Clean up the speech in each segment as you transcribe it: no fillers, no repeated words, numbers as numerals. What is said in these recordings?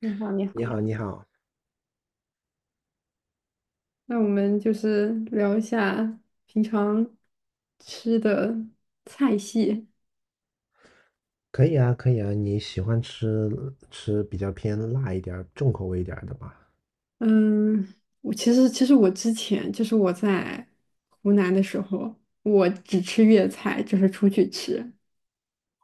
你好，你你好，好，你好。那我们就是聊一下平常吃的菜系。可以啊，可以啊，你喜欢吃比较偏辣一点儿、重口味一点儿的吧？嗯，我其实我之前就是我在湖南的时候，我只吃粤菜，就是出去吃。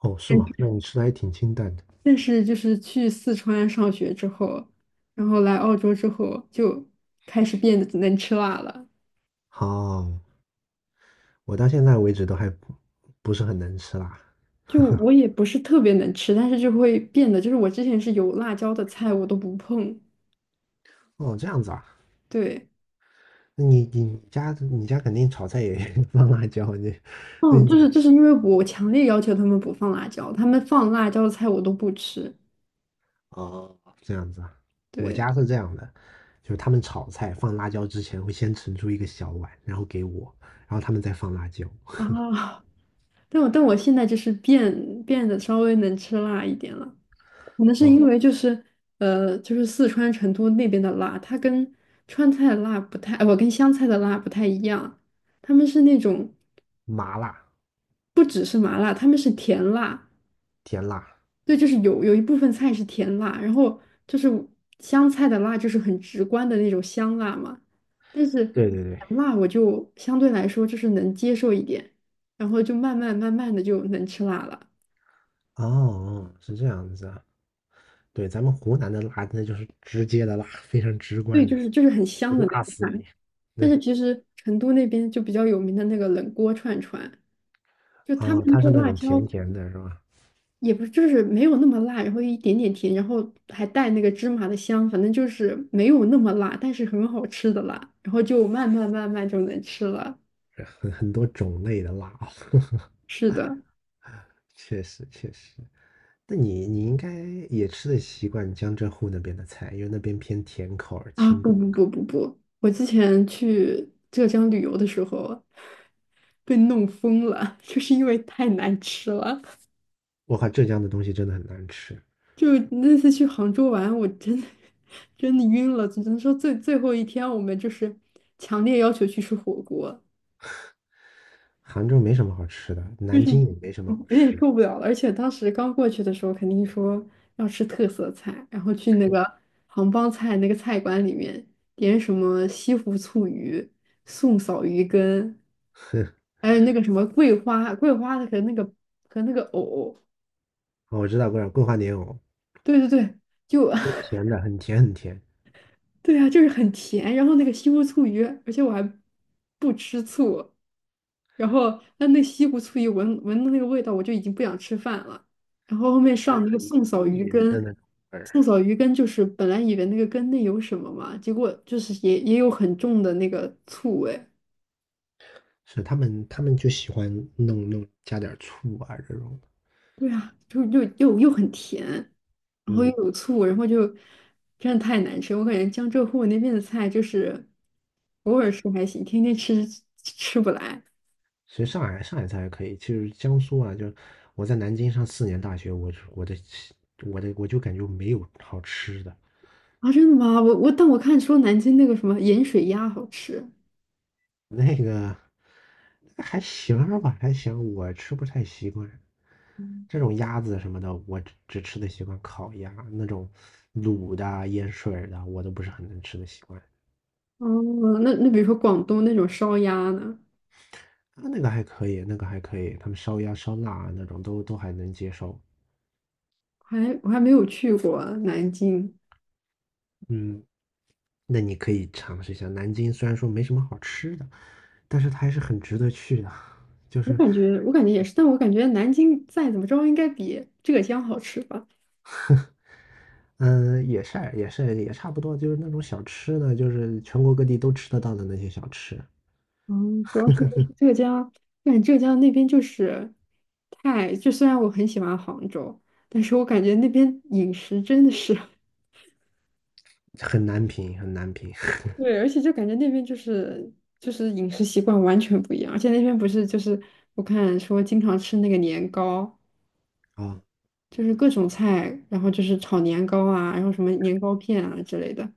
哦，是吗？但那你吃的还挺清淡的。但是就是去四川上学之后，然后来澳洲之后，就开始变得能吃辣了。好，我到现在为止都还不是很能吃辣。就我也不是特别能吃，但是就会变得，就是我之前是有辣椒的菜我都不碰。哦，这样子啊。对，那你家肯定炒菜也 放辣椒，你那嗯，你就怎么是就吃？是因为我强烈要求他们不放辣椒，他们放辣椒的菜我都不吃。哦，这样子啊。我对家是这样的，就是他们炒菜放辣椒之前会先盛出一个小碗，然后给我，然后他们再放辣椒。啊，但我现在就是变得稍微能吃辣一点了，可能是啊、因为就是就是四川成都那边的辣，它跟川菜的辣不太，我跟湘菜的辣不太一样，他们是那种麻辣、不只是麻辣，他们是甜辣。甜辣，对，就是有一部分菜是甜辣，然后就是香菜的辣就是很直观的那种香辣嘛，但是甜对对对。辣我就相对来说就是能接受一点，然后就慢慢慢慢的就能吃辣了。哦，是这样子啊。对，咱们湖南的辣，那就是直接的辣，非常直对，观就的，是就是很就香的那辣种死辣。你。但对。是其实成都那边就比较有名的那个冷锅串串，就他们哦，那它个是那辣种椒甜甜的，是吧？也不就是没有那么辣，然后一点点甜，然后还带那个芝麻的香，反正就是没有那么辣，但是很好吃的辣，然后就慢慢慢慢就能吃了。很多种类的辣哦，是的，确实确实。那你应该也吃得习惯江浙沪那边的菜，因为那边偏甜口而啊，清不淡不口不儿。不不，我之前去浙江旅游的时候被弄疯了，就是因为太难吃了。我靠，浙江的东西真的很难吃，就那次去杭州玩，我真的 真的晕了，只能说最后一天我们就是强烈要求去吃火锅。杭州没什么好吃的，就南是京也没什么好有点吃的。受不了了，而且当时刚过去的时候，肯定说要吃特色菜，然后去那个杭帮菜那个菜馆里面点什么西湖醋鱼、宋嫂鱼羹，还有那个什么桂花和那个藕，哦，我知道桂花莲藕。对对对，就 那 甜的很甜很甜，对啊，就是很甜，然后那个西湖醋鱼，而且我还不吃醋，然后那西湖醋鱼闻的那个味道，我就已经不想吃饭了。然后后面它是上那个很宋嫂鱼腻人的羹，那种味儿。宋嫂鱼羹就是本来以为那个羹内有什么嘛，结果就是也有很重的那个醋味，是他们就喜欢弄加点儿醋啊这种的。对啊，就又很甜，然后又嗯，有醋，然后就真的太难吃。我感觉江浙沪那边的菜就是偶尔吃还行，天天吃吃不来。其实上海菜还可以，其实江苏啊，就我在南京上4年大学，我就我的我的我就感觉没有好吃的。啊，真的吗？但我看说南京那个什么盐水鸭好吃。那个还行儿吧，还行，我吃不太习惯。嗯，这种鸭子什么的，我只吃得习惯烤鸭，那种卤的啊、腌水儿的啊，我都不是很能吃得习惯。哦，那比如说广东那种烧鸭呢，啊，那个还可以，那个还可以，他们烧鸭、烧腊啊那种都还能接受。我还没有去过南京，嗯，那你可以尝试一下南京，虽然说没什么好吃的，但是它还是很值得去的。就我是，感觉我感觉也是，但我感觉南京再怎么着应该比浙江好吃吧。嗯，也是也是也差不多，就是那种小吃呢，就是全国各地都吃得到的那些小吃。嗯，主要是浙江，我感觉浙江那边就是太，就虽然我很喜欢杭州，但是我感觉那边饮食真的是 很难评，很难评。 对，而且就感觉那边就是饮食习惯完全不一样，而且那边不是就是我看说经常吃那个年糕，啊，就是各种菜，然后就是炒年糕啊，然后什么年糕片啊之类的。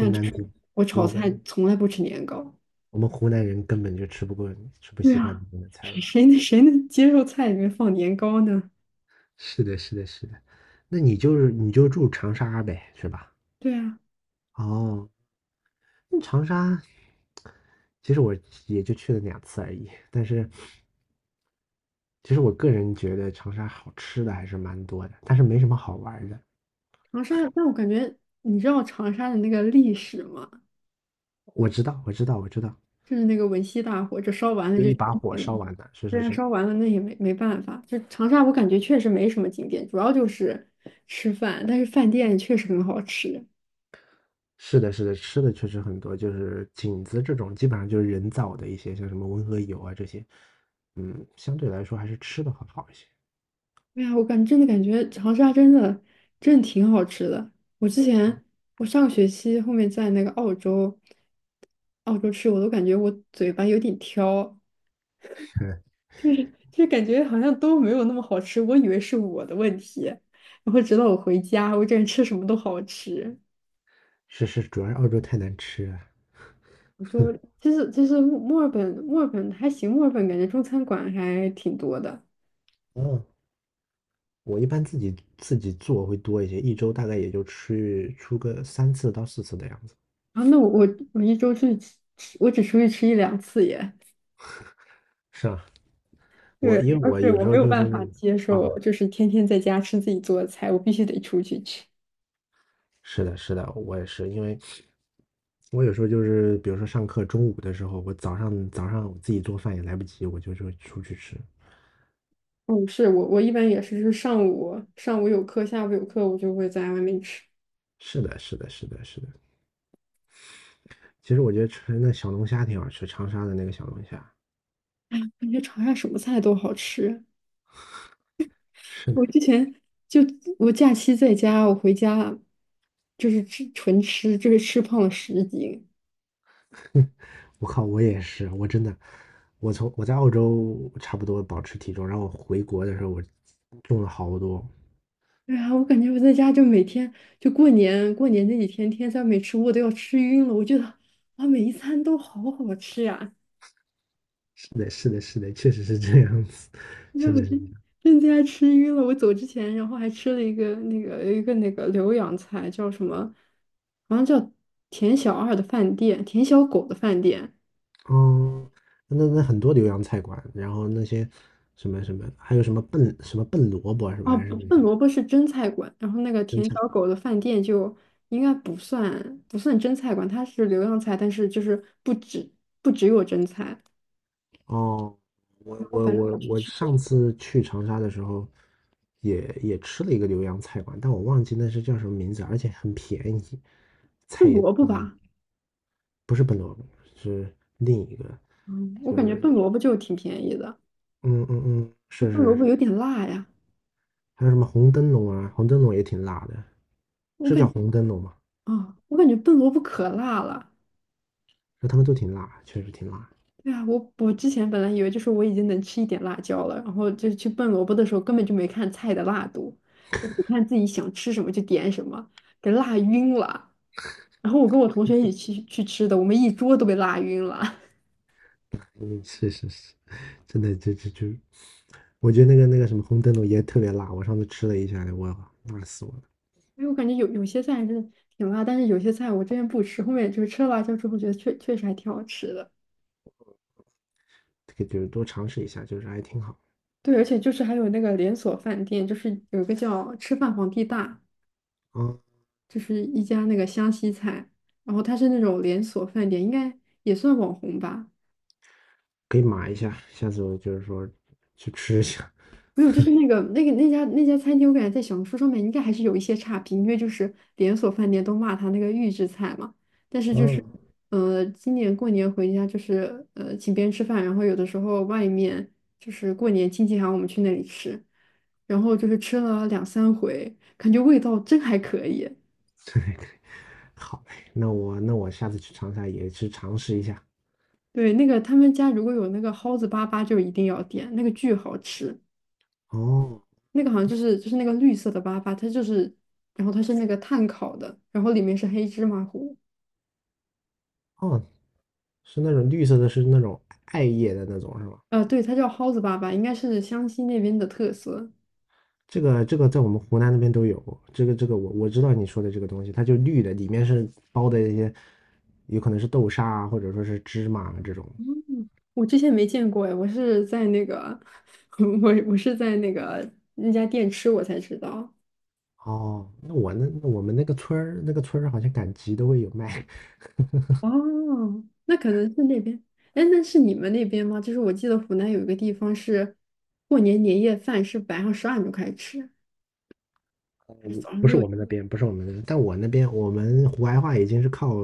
很就难是评。我炒我菜们从来不吃年糕。我们湖南人根本就吃不过，吃不对习惯啊，那边的 菜谁的。谁能谁能接受菜里面放年糕呢？是的，是的，是的。那你就住长沙呗，是吧？对啊，哦，那长沙。其实我也就去了2次而已，但是其实我个人觉得长沙好吃的还是蛮多的，但是没什么好玩的。长沙，但我感觉你知道长沙的那个历史吗？我知道，我知道，我知道。就是那个文夕大火，这烧完了就就一把都火没了。烧完的，是对是啊，是。烧完了那也没办法。就长沙，我感觉确实没什么景点，主要就是吃饭，但是饭店确实很好吃。是的，是的，吃的确实很多，就是景子这种基本上就是人造的一些，像什么温和油啊这些。嗯，相对来说还是吃的会好一些。对呀，真的感觉长沙真的真的挺好吃的。我之前我上个学期后面在那个澳洲，澳洲吃我都感觉我嘴巴有点挑，嗯，就是就是感觉好像都没有那么好吃。我以为是我的问题，然后直到我回家，我感觉吃什么都好吃。是是，主要是澳洲太难吃了。我说，其实墨尔本还行，墨尔本感觉中餐馆还挺多的。嗯，我一般自己做会多一些，一周大概也就吃出个3次到4次的样子。然后那我一周去吃，我只出去吃一两次耶。是啊。对，我主因为要我是有我时没候有就办法是，接啊，受，就是天天在家吃自己做的菜，我必须得出去吃。是的，是的，我也是。因为我有时候就是，比如说上课中午的时候，我早上我自己做饭也来不及，我就出去吃。嗯，是我一般也是，就是上午有课，下午有课，我就会在外面吃。是的，是的，是的，是的。其实我觉得吃那小龙虾挺好吃，长沙的那个小龙虾。感觉长沙什么菜都好吃。是的。我之前就我假期在家，我回家就是吃纯吃，就是吃胖了10斤。我靠，我也是，我真的，我在澳洲差不多保持体重，然后我回国的时候我重了好多。对啊，我感觉我在家就每天就过年那几天，天天没吃我都要吃晕了。我觉得啊，每一餐都好好吃呀、是的，是的，是的，确实是这样子，让真我的是。真的家吃晕了。我走之前，然后还吃了一个那个浏阳菜，叫什么？好像叫田小二的饭店，田小狗的饭店。嗯，那很多浏阳菜馆，然后那些什么什么，还有什么笨萝卜是吧？哦，还是不，那笨些萝卜是蒸菜馆，然后那个蒸田菜？小狗的饭店就应该不算蒸菜馆，它是浏阳菜，但是就是不只有蒸菜。哦，我然后我反正我我去我吃。上次去长沙的时候也，也吃了一个浏阳菜馆，但我忘记那是叫什么名字，而且很便宜，菜笨也萝卜嗯吧，不是笨萝卜，是另一个，嗯，我就感觉是笨萝卜就挺便宜的，嗯嗯嗯，那是笨是萝是。卜有点辣呀，还有什么红灯笼啊，红灯笼也挺辣的，我是感叫觉红灯笼吗？我感觉笨萝卜可辣了。那他们都挺辣，确实挺辣。对啊，我之前本来以为就是我已经能吃一点辣椒了，然后就去笨萝卜的时候根本就没看菜的辣度，就只看自己想吃什么就点什么，给辣晕了。然后我跟我同学一起去吃的，我们一桌都被辣晕了。嗯，是是是，真的，就就就，我觉得那个什么红灯笼也特别辣，我上次吃了一下，我辣死我了。因为我感觉有些菜真的挺辣，但是有些菜我之前不吃，后面就是吃了辣椒之后觉得确实还挺好吃的。这个就是多尝试一下，就是还挺好。对，而且就是还有那个连锁饭店，就是有一个叫"吃饭皇帝大"，啊，就是一家那个湘西菜，然后它是那种连锁饭店，应该也算网红吧。可以码一下，下次我就是说去吃一下。没有，就是那家餐厅，我感觉在小红书上面应该还是有一些差评，因为就是连锁饭店都骂他那个预制菜嘛。但是就是，嗯，今年过年回家就是请别人吃饭，然后有的时候外面就是过年亲戚喊我们去那里吃，然后就是吃了两三回，感觉味道真还可以。对对，好嘞，那我那我下次去长沙也去尝试一下。对，那个他们家如果有那个蒿子粑粑，就一定要点，那个巨好吃。哦那个好像就是那个绿色的粑粑，它就是，然后它是那个炭烤的，然后里面是黑芝麻糊。哦，是那种绿色的，是那种艾叶的那种是吧？呃，对，它叫蒿子粑粑，应该是湘西那边的特色。这个在我们湖南那边都有，这个我知道你说的这个东西，它就绿的，里面是包的一些，有可能是豆沙啊，或者说是芝麻啊这种。我之前没见过哎，我是在那个，我是在那个那家店吃我才知道。哦，那我们那个村儿好像赶集都会有卖。哦，那可能是那边。哎，那是你们那边吗？就是我记得湖南有一个地方是过年年夜饭是晚上十二点就开始吃。还是早 上不是六。我们那边，不是我们那边，但我那边我们湖白话已经是靠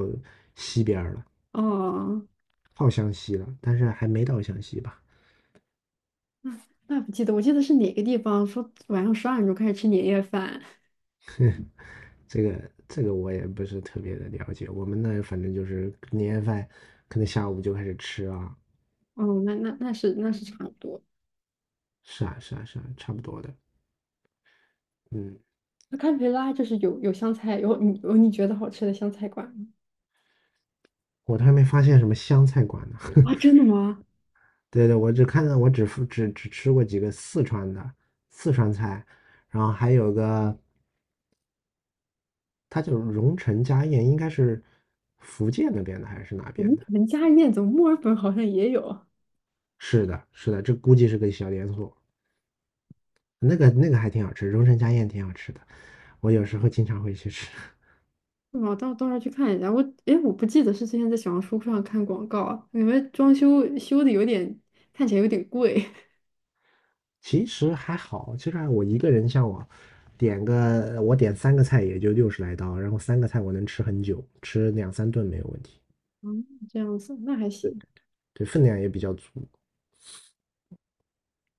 西边儿了，哦，靠湘西了，但是还没到湘西吧。那不记得，我记得是哪个地方说晚上十二点钟开始吃年夜饭。这个我也不是特别的了解，我们那反正就是年夜饭，可能下午就开始吃啊，哦，那那是差不多。是啊是啊是啊，差不多的。嗯，那堪培拉就是有湘菜，有你觉得好吃的湘菜馆吗？我都还没发现什么湘菜馆呢。啊，真的吗？对对，我只看到我只只只吃过几个四川菜，然后还有个它叫荣成家宴，应该是福建那边的还是哪我边们的？我们家宴怎么墨尔本好像也有，是的，是的，这估计是个小连锁。那个还挺好吃，荣成家宴挺好吃的，我有时候经常会去吃。是吗？到时候去看一下。哎，我不记得是之前在小红书上看广告，啊，感觉装修的有点看起来有点贵。其实还好，就算我一个人，像我我点三个菜也就60来刀，然后三个菜我能吃很久，吃两三顿没有问题。嗯，这样子那还行。对，分量也比较足。